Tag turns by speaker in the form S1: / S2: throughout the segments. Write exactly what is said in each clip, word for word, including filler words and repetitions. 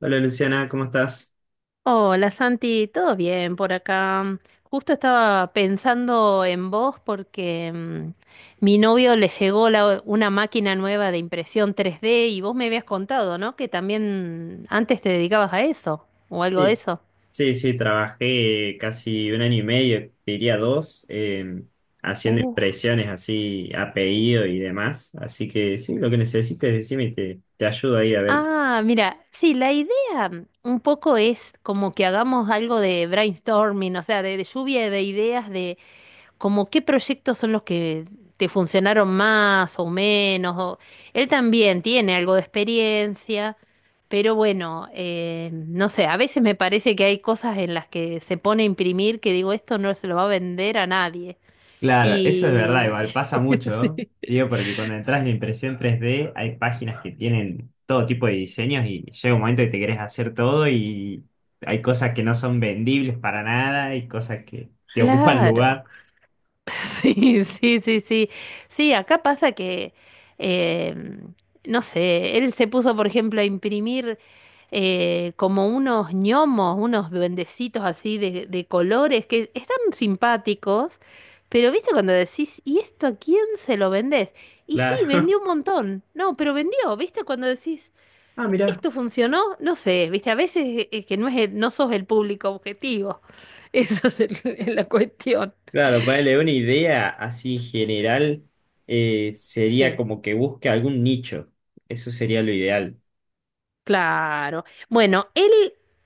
S1: Hola Luciana, ¿cómo estás?
S2: Hola Santi, ¿todo bien por acá? Mm, Justo estaba pensando en vos porque mm, mi novio le llegó la- una máquina nueva de impresión tres d, y vos me habías contado, ¿no? Que también antes te dedicabas a eso o algo de
S1: Sí,
S2: eso.
S1: sí, sí, trabajé casi un año y medio, te diría dos, eh, haciendo
S2: Uh,
S1: impresiones así a pedido y demás. Así que sí, lo que necesites, decime y te, te ayudo ahí a ver.
S2: ah, mira, sí, la idea, mm, un poco es como que hagamos algo de brainstorming, o sea, de, de lluvia de ideas, como qué proyectos son los que te funcionaron más o menos. o- Él también tiene algo de experiencia, pero bueno, eh, no sé, a veces me parece que hay cosas en las que se pone a imprimir que digo, esto no se lo va a vender a nadie.
S1: Claro, eso es verdad,
S2: Y.
S1: igual pasa
S2: Sí.
S1: mucho, digo, porque cuando entras en impresión tres d hay páginas que tienen todo tipo de diseños y llega un momento que te querés hacer todo y hay cosas que no son vendibles para nada y cosas que te ocupan
S2: Claro.
S1: lugar.
S2: Sí, sí, sí, sí. Sí, acá pasa que, eh, no sé, él se puso, por ejemplo, a imprimir, eh, como unos gnomos, unos duendecitos así de, de colores, que están simpáticos, pero viste cuando decís, ¿y esto a quién se lo vendés? Y sí,
S1: Claro.
S2: vendió un montón. No, pero vendió, viste cuando decís,
S1: Ah, mira.
S2: ¿esto funcionó? No sé, viste, a veces eh, eh, que no es, el- no sos el público objetivo. Eso es el- la cuestión.
S1: Claro, ponerle una idea así general eh, sería
S2: Sí.
S1: como que busque algún nicho. Eso sería lo ideal.
S2: Claro. Bueno, él,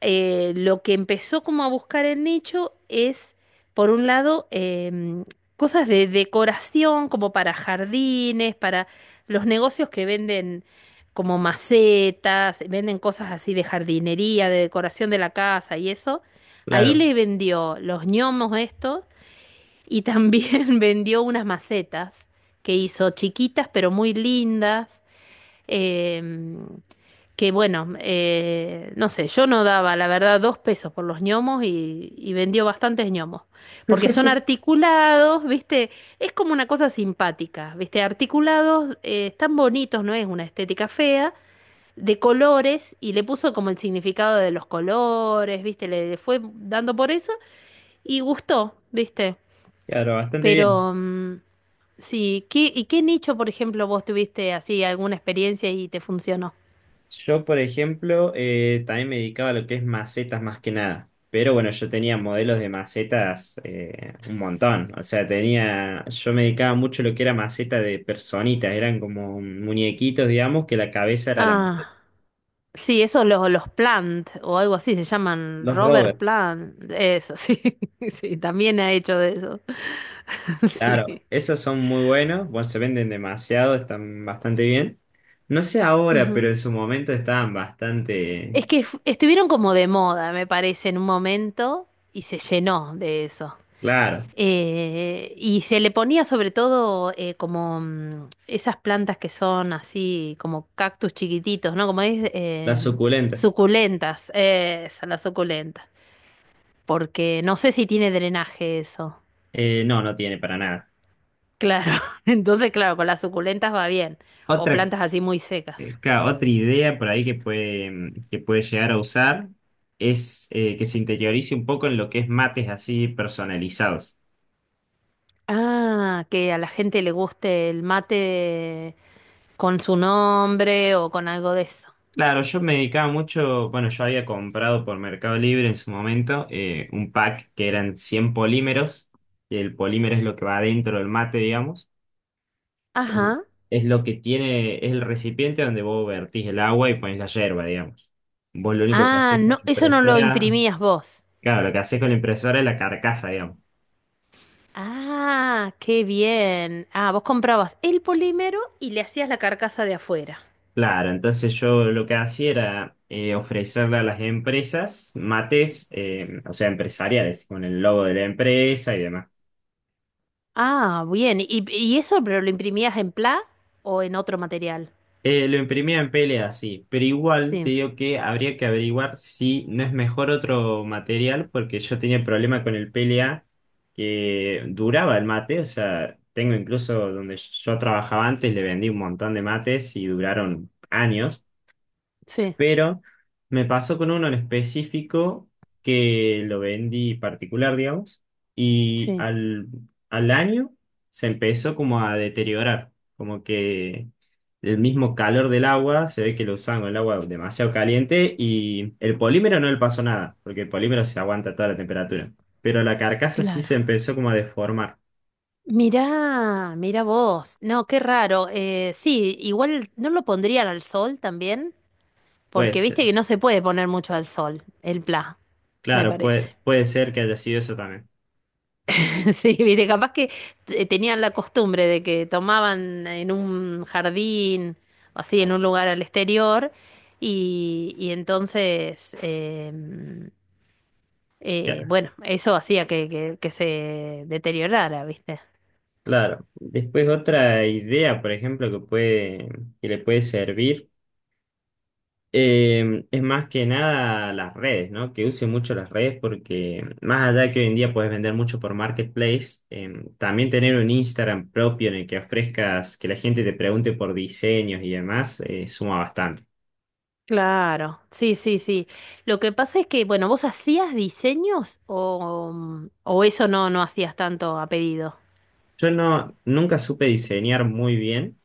S2: eh, lo que empezó como a buscar el nicho es, por un lado, em, cosas de decoración, como para jardines, para los negocios que venden como macetas, venden cosas así de jardinería, de decoración de la casa y eso. Ahí
S1: Claro,
S2: le vendió los ñomos estos, y también vendió unas macetas que hizo chiquitas pero muy lindas. em, que bueno, eh, no sé, yo no daba, la verdad, dos pesos por los gnomos, y, y vendió bastantes gnomos. Porque son articulados, ¿viste? Es como una cosa simpática, ¿viste? Articulados, eh, están bonitos, no es una estética fea, de colores, y le puso como el significado de los colores, ¿viste? Le, le fue dando por eso y gustó, ¿viste?
S1: claro, bastante bien.
S2: Pero, mm, sí, ¿qué, y qué nicho, por ejemplo, vos tuviste así alguna experiencia y te funcionó?
S1: Yo, por ejemplo, eh, también me dedicaba a lo que es macetas más que nada. Pero bueno, yo tenía modelos de macetas eh, un montón. O sea, tenía, yo me dedicaba mucho a lo que era maceta de personitas. Eran como muñequitos, digamos, que la cabeza era la
S2: Ah.
S1: maceta.
S2: Sí, eso los, los Plant o algo así se llaman,
S1: Los
S2: Robert
S1: rovers.
S2: Plant, eso sí, sí, también ha hecho de eso,
S1: Claro,
S2: sí.
S1: esos son muy buenos, bueno, se venden demasiado, están bastante bien. No sé ahora, pero
S2: Ujú.
S1: en su momento estaban bastante,
S2: Es que fu- estuvieron como de moda, me parece, en un momento y se llenó de eso.
S1: claro,
S2: Eh, y se le ponía sobre todo, eh, como, mm, esas plantas que son así como cactus chiquititos, ¿no? Como es,
S1: las
S2: em,
S1: suculentas.
S2: suculentas, esa, la suculenta, porque no sé si tiene drenaje eso.
S1: Eh, no, no tiene para nada.
S2: Claro, entonces claro, con las suculentas va bien, o
S1: Otra,
S2: plantas así muy secas.
S1: eh, claro, otra idea por ahí que puede, mm, que puede llegar a usar es eh, que se interiorice un poco en lo que es mates así personalizados.
S2: Ah, que a la gente le guste el mate con su nombre o con algo de eso.
S1: Claro, yo me dedicaba mucho, bueno, yo había comprado por Mercado Libre en su momento eh, un pack que eran cien polímeros, y el polímero es lo que va adentro del mate, digamos. El-
S2: Ajá.
S1: es lo que tiene, es el recipiente donde vos vertís el agua y pones la yerba, digamos. Vos lo único que
S2: Ah,
S1: haces con la
S2: no, eso no lo
S1: impresora,
S2: imprimías vos.
S1: claro, lo que haces con la impresora es la carcasa, digamos.
S2: Ah, qué bien. Ah, vos comprabas el polímero y le hacías la carcasa de afuera.
S1: Claro, entonces yo lo que hacía era eh, ofrecerle a las empresas mates, eh, o sea, empresariales, con el logo de la empresa y demás.
S2: Ah, bien. ¿Y, y eso, pero lo imprimías en P L A o en otro material?
S1: Eh, lo imprimía en P L A, sí, pero igual te
S2: Sí,
S1: digo que habría que averiguar si no es mejor otro material, porque yo tenía problema con el P L A que duraba el mate, o sea, tengo incluso donde yo trabajaba antes, le vendí un montón de mates y duraron años,
S2: sí,
S1: pero me pasó con uno en específico que lo vendí particular, digamos, y
S2: sí,
S1: al, al año se empezó como a deteriorar, como que el mismo calor del agua, se ve que lo usaban con el agua demasiado caliente y el polímero no le pasó nada, porque el polímero se aguanta toda la temperatura, pero la carcasa sí
S2: claro.
S1: se empezó como a deformar.
S2: Mirá, mirá vos. No, qué raro. Eh, sí, igual no lo pondrían al sol también,
S1: Puede
S2: porque
S1: ser,
S2: viste que no se puede poner mucho al sol, el P L A, me
S1: claro, puede,
S2: parece.
S1: puede ser que haya sido eso también.
S2: Sí, viste, capaz que, eh, tenían la costumbre de que tomaban en un jardín o así, en un lugar al exterior, y, y entonces, em, eh, bueno, eso hacía que, que que se deteriorara, viste.
S1: Claro. Después otra idea, por ejemplo, que puede, que le puede servir, eh, es más que nada las redes, ¿no? Que use mucho las redes porque más allá de que hoy en día puedes vender mucho por Marketplace, eh, también tener un Instagram propio en el que ofrezcas, que la gente te pregunte por diseños y demás, eh, suma bastante.
S2: Claro, sí, sí, sí. Lo que pasa es que, bueno, ¿vos hacías diseños o, mm, o eso no, no hacías tanto a pedido?
S1: Yo no, nunca supe diseñar muy bien.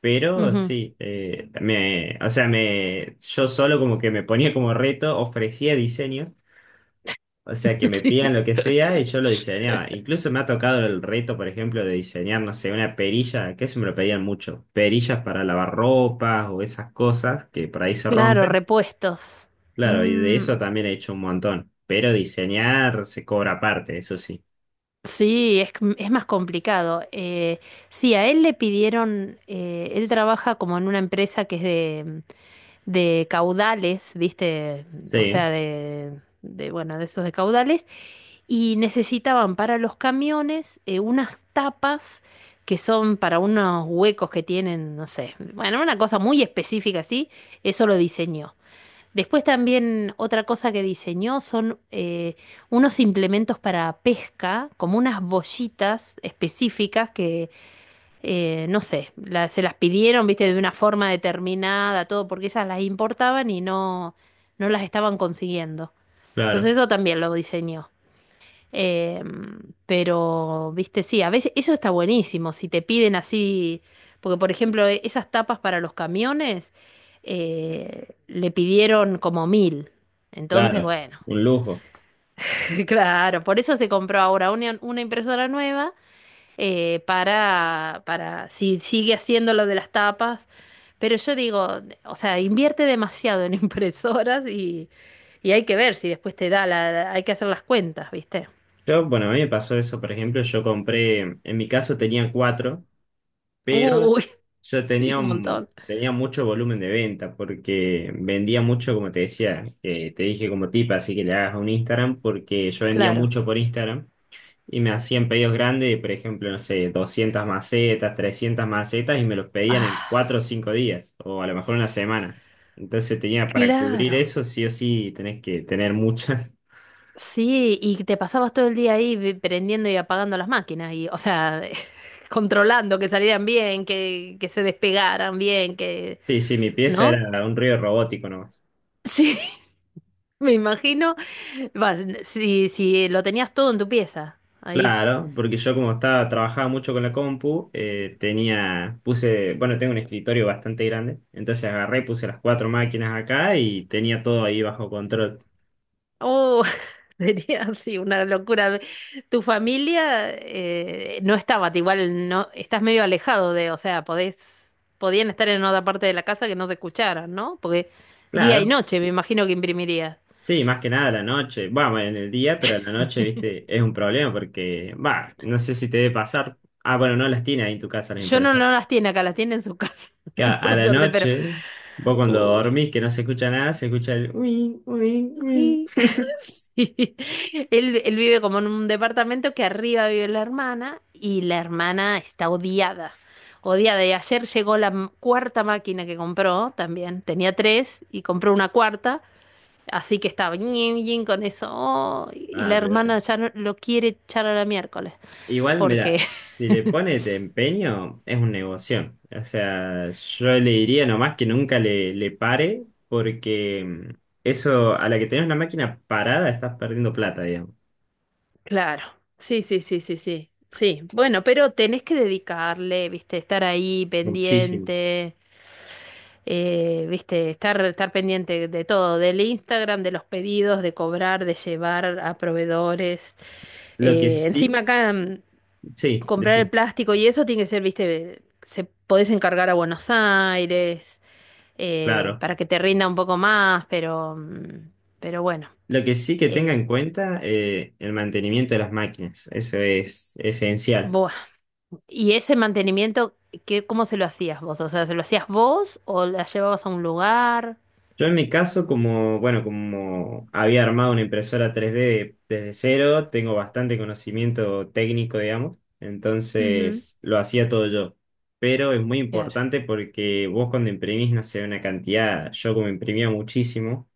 S1: Pero
S2: Ujú.
S1: sí, eh, me, o sea, me, yo solo como que me ponía como reto, ofrecía diseños. O sea, que me pidan
S2: Sí.
S1: lo que sea y yo lo diseñaba. Incluso me ha tocado el reto, por ejemplo, de diseñar, no sé, una perilla, que eso me lo pedían mucho. Perillas para lavar ropas o esas cosas que por ahí se
S2: Claro,
S1: rompen.
S2: repuestos.
S1: Claro, y de eso
S2: Mm,
S1: también he hecho un montón. Pero diseñar se cobra aparte, eso sí.
S2: sí, es, c- es más complicado. Eh, sí, a él le pidieron, eh, él trabaja como en una empresa que es de, de caudales, ¿viste? O
S1: Sí,
S2: sea, de, de, bueno, de esos de caudales. Y necesitaban para los camiones, eh, unas tapas que son para unos huecos que tienen, no sé, bueno, una cosa muy específica así, eso lo diseñó. Después también otra cosa que diseñó son, eh, unos implementos para pesca, como unas bollitas específicas que, eh, no sé, la- se las pidieron, viste, de una forma determinada, todo, porque esas las importaban y no, no las estaban consiguiendo. Entonces
S1: claro,
S2: eso también lo diseñó. Eh, pero, viste, sí, a veces eso está buenísimo, si te piden así, porque por ejemplo, e- esas tapas para los camiones, eh, le pidieron como mil. Entonces,
S1: claro,
S2: bueno,
S1: un lujo.
S2: claro, por eso se compró ahora una, una impresora nueva, eh, para, para, si sigue haciendo lo de las tapas. Pero yo digo, o sea, invierte demasiado en impresoras, y, y hay que ver si después te da la, hay que hacer las cuentas, ¿viste?
S1: Yo, bueno, a mí me pasó eso, por ejemplo, yo compré, en mi caso tenía cuatro. Pero
S2: Uy,
S1: yo
S2: sí,
S1: tenía,
S2: un
S1: un-
S2: montón.
S1: tenía mucho volumen de venta porque vendía mucho, como te decía, eh, te dije como tip, así que le hagas un Instagram porque yo vendía
S2: Claro.
S1: mucho por Instagram y me hacían pedidos grandes, por ejemplo, no sé, doscientas macetas, trescientas macetas y me los pedían en
S2: Ah,
S1: cuatro o cinco días o a lo mejor una semana. Entonces tenía para cubrir
S2: claro.
S1: eso, sí o sí, tenés que tener muchas.
S2: Sí, y te pasabas todo el día ahí, vi- prendiendo y apagando las máquinas y, o sea, controlando que salieran bien, que, que se despegaran bien, que,
S1: Sí, sí, mi pieza
S2: ¿no?
S1: era un río robótico, ¿no?
S2: Sí, me imagino. Va, si, si lo tenías todo en tu pieza, ahí.
S1: Claro, porque yo como estaba, trabajaba mucho con la compu, eh, tenía, puse, bueno, tengo un escritorio bastante grande, entonces agarré y puse las cuatro máquinas acá y tenía todo ahí bajo control.
S2: Oh, sería así una locura. Tu familia, eh, no estaba, igual no, estás medio alejado de, o sea, podés, podían estar en otra parte de la casa que no se escucharan, ¿no? Porque día y
S1: Claro,
S2: noche me imagino que imprimiría.
S1: sí, más que nada a la noche, vamos, en el día, pero a la noche, viste, es un problema porque, va, no sé si te debe pasar. Ah, bueno, no las tienes ahí en tu casa las
S2: Yo no,
S1: impresoras.
S2: no las tiene acá, las tiene en su casa,
S1: Que a,
S2: por
S1: a la
S2: suerte, pero
S1: noche, vos cuando
S2: uh,
S1: dormís que no se escucha nada, se escucha el uy, uy, uy.
S2: uy, sí. Él, él vive como en un departamento, que arriba vive la hermana, y la hermana está odiada. Odiada. Y ayer llegó la m- cuarta máquina que compró también. Tenía tres y compró una cuarta. Así que estaba ñin, ñin con eso. Oh, y
S1: Ah,
S2: la
S1: pero
S2: hermana ya no, lo quiere echar a la miércoles.
S1: igual,
S2: Porque,
S1: mira, si le pone de empeño, es un negocio. O sea, yo le diría nomás que nunca le, le pare, porque mm, eso, a la que tenés una máquina parada, estás perdiendo plata, digamos.
S2: claro. Sí, sí, sí, sí, sí. Sí. Bueno, pero tenés que dedicarle, viste, estar ahí
S1: Muchísimo.
S2: pendiente. Eh, viste, estar, estar pendiente de todo, del Instagram, de los pedidos, de cobrar, de llevar a proveedores.
S1: Lo que
S2: Eh,
S1: sí,
S2: encima acá, mm,
S1: sí,
S2: comprar el
S1: decime,
S2: plástico, y eso tiene que ser, viste, se podés encargar a Buenos Aires, eh,
S1: claro.
S2: para que te rinda un poco más, pero, mm, pero bueno.
S1: Lo que sí que tenga
S2: eh,
S1: en cuenta, eh, el mantenimiento de las máquinas. Eso es esencial.
S2: Buah. Y ese mantenimiento, ¿qué, cómo se lo hacías vos? O sea, ¿se lo hacías vos o la llevabas a un lugar?
S1: Yo en mi caso, como, bueno, como había armado una impresora tres D desde cero, tengo bastante conocimiento técnico, digamos,
S2: Ujú.
S1: entonces lo hacía todo yo. Pero es muy
S2: Claro,
S1: importante porque vos cuando imprimís, no sé, una cantidad, yo como imprimía muchísimo,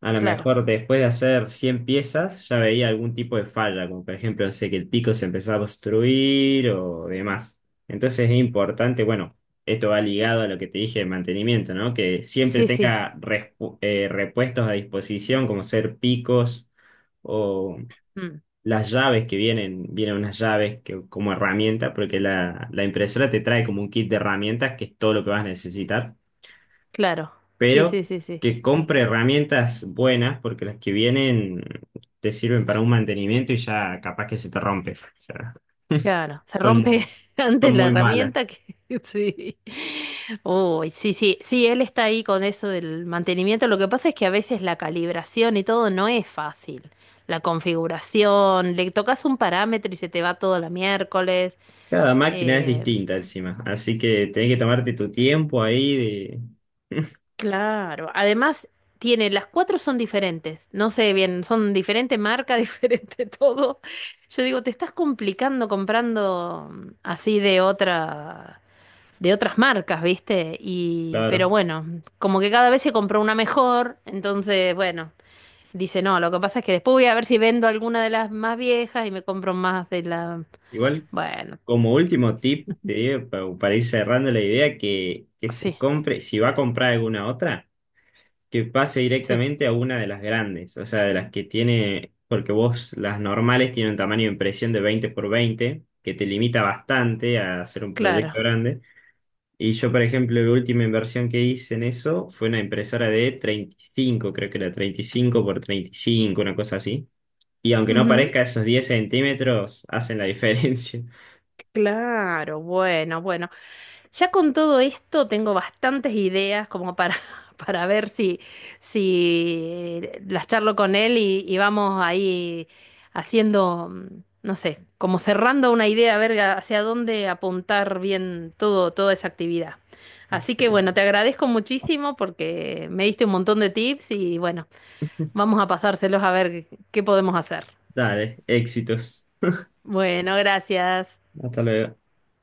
S1: a lo
S2: claro.
S1: mejor después de hacer cien piezas ya veía algún tipo de falla, como por ejemplo, no sé, que el pico se empezaba a obstruir o demás. Entonces es importante, bueno, esto va ligado a lo que te dije de mantenimiento, ¿no? Que siempre
S2: Sí, sí.
S1: tenga respu- eh, repuestos a disposición, como ser picos o
S2: Mm.
S1: las llaves que vienen, vienen unas llaves que, como herramienta, porque la, la impresora te trae como un kit de herramientas que es todo lo que vas a necesitar,
S2: Claro, sí,
S1: pero
S2: sí, sí, sí.
S1: que compre herramientas buenas, porque las que vienen te sirven para un mantenimiento y ya capaz que se te rompe. O sea,
S2: Claro, se
S1: son
S2: rompe
S1: muy, son
S2: antes la
S1: muy malas.
S2: herramienta que. Sí. Uy, sí, sí, sí, él está ahí con eso del mantenimiento. Lo que pasa es que a veces la calibración y todo no es fácil. La configuración, le tocas un parámetro y se te va todo la miércoles.
S1: Cada máquina es
S2: Eh,
S1: distinta encima, así que tenés que tomarte tu tiempo ahí de...
S2: claro, además tiene, las cuatro son diferentes. No sé bien, son diferente marca, diferente todo. Yo digo, te estás complicando comprando, mm, así de otra, de otras marcas, ¿viste? Y, pero
S1: Claro.
S2: bueno, como que cada vez se compró una mejor, entonces, bueno, dice, no, lo que pasa es que después voy a ver si vendo alguna de las más viejas y me compro más de la.
S1: Igual,
S2: Bueno,
S1: como último tip, te digo, pa- para ir cerrando la idea, que, que se
S2: sí,
S1: compre, si va a comprar alguna otra, que pase
S2: sí,
S1: directamente a una de las grandes, o sea, de las que tiene, porque vos las normales tienen un tamaño de impresión de veinte por veinte, que te limita bastante a hacer un
S2: claro.
S1: proyecto grande. Y yo, por ejemplo, la última inversión que hice en eso fue una impresora de treinta y cinco, creo que era treinta y cinco por treinta y cinco, una cosa así. Y aunque no parezca, esos diez centímetros hacen la diferencia.
S2: Claro, bueno, bueno. Ya con todo esto tengo bastantes ideas como para, para ver si, si las charlo con él, y, y vamos ahí haciendo, mm, no sé, como cerrando una idea, a ver hacia dónde apuntar bien todo, toda esa actividad. Así que bueno, te agradezco muchísimo porque me diste un montón de tips, y bueno, vamos a pasárselos a ver qué podemos hacer.
S1: Dale, éxitos.
S2: Bueno, gracias.
S1: Hasta luego.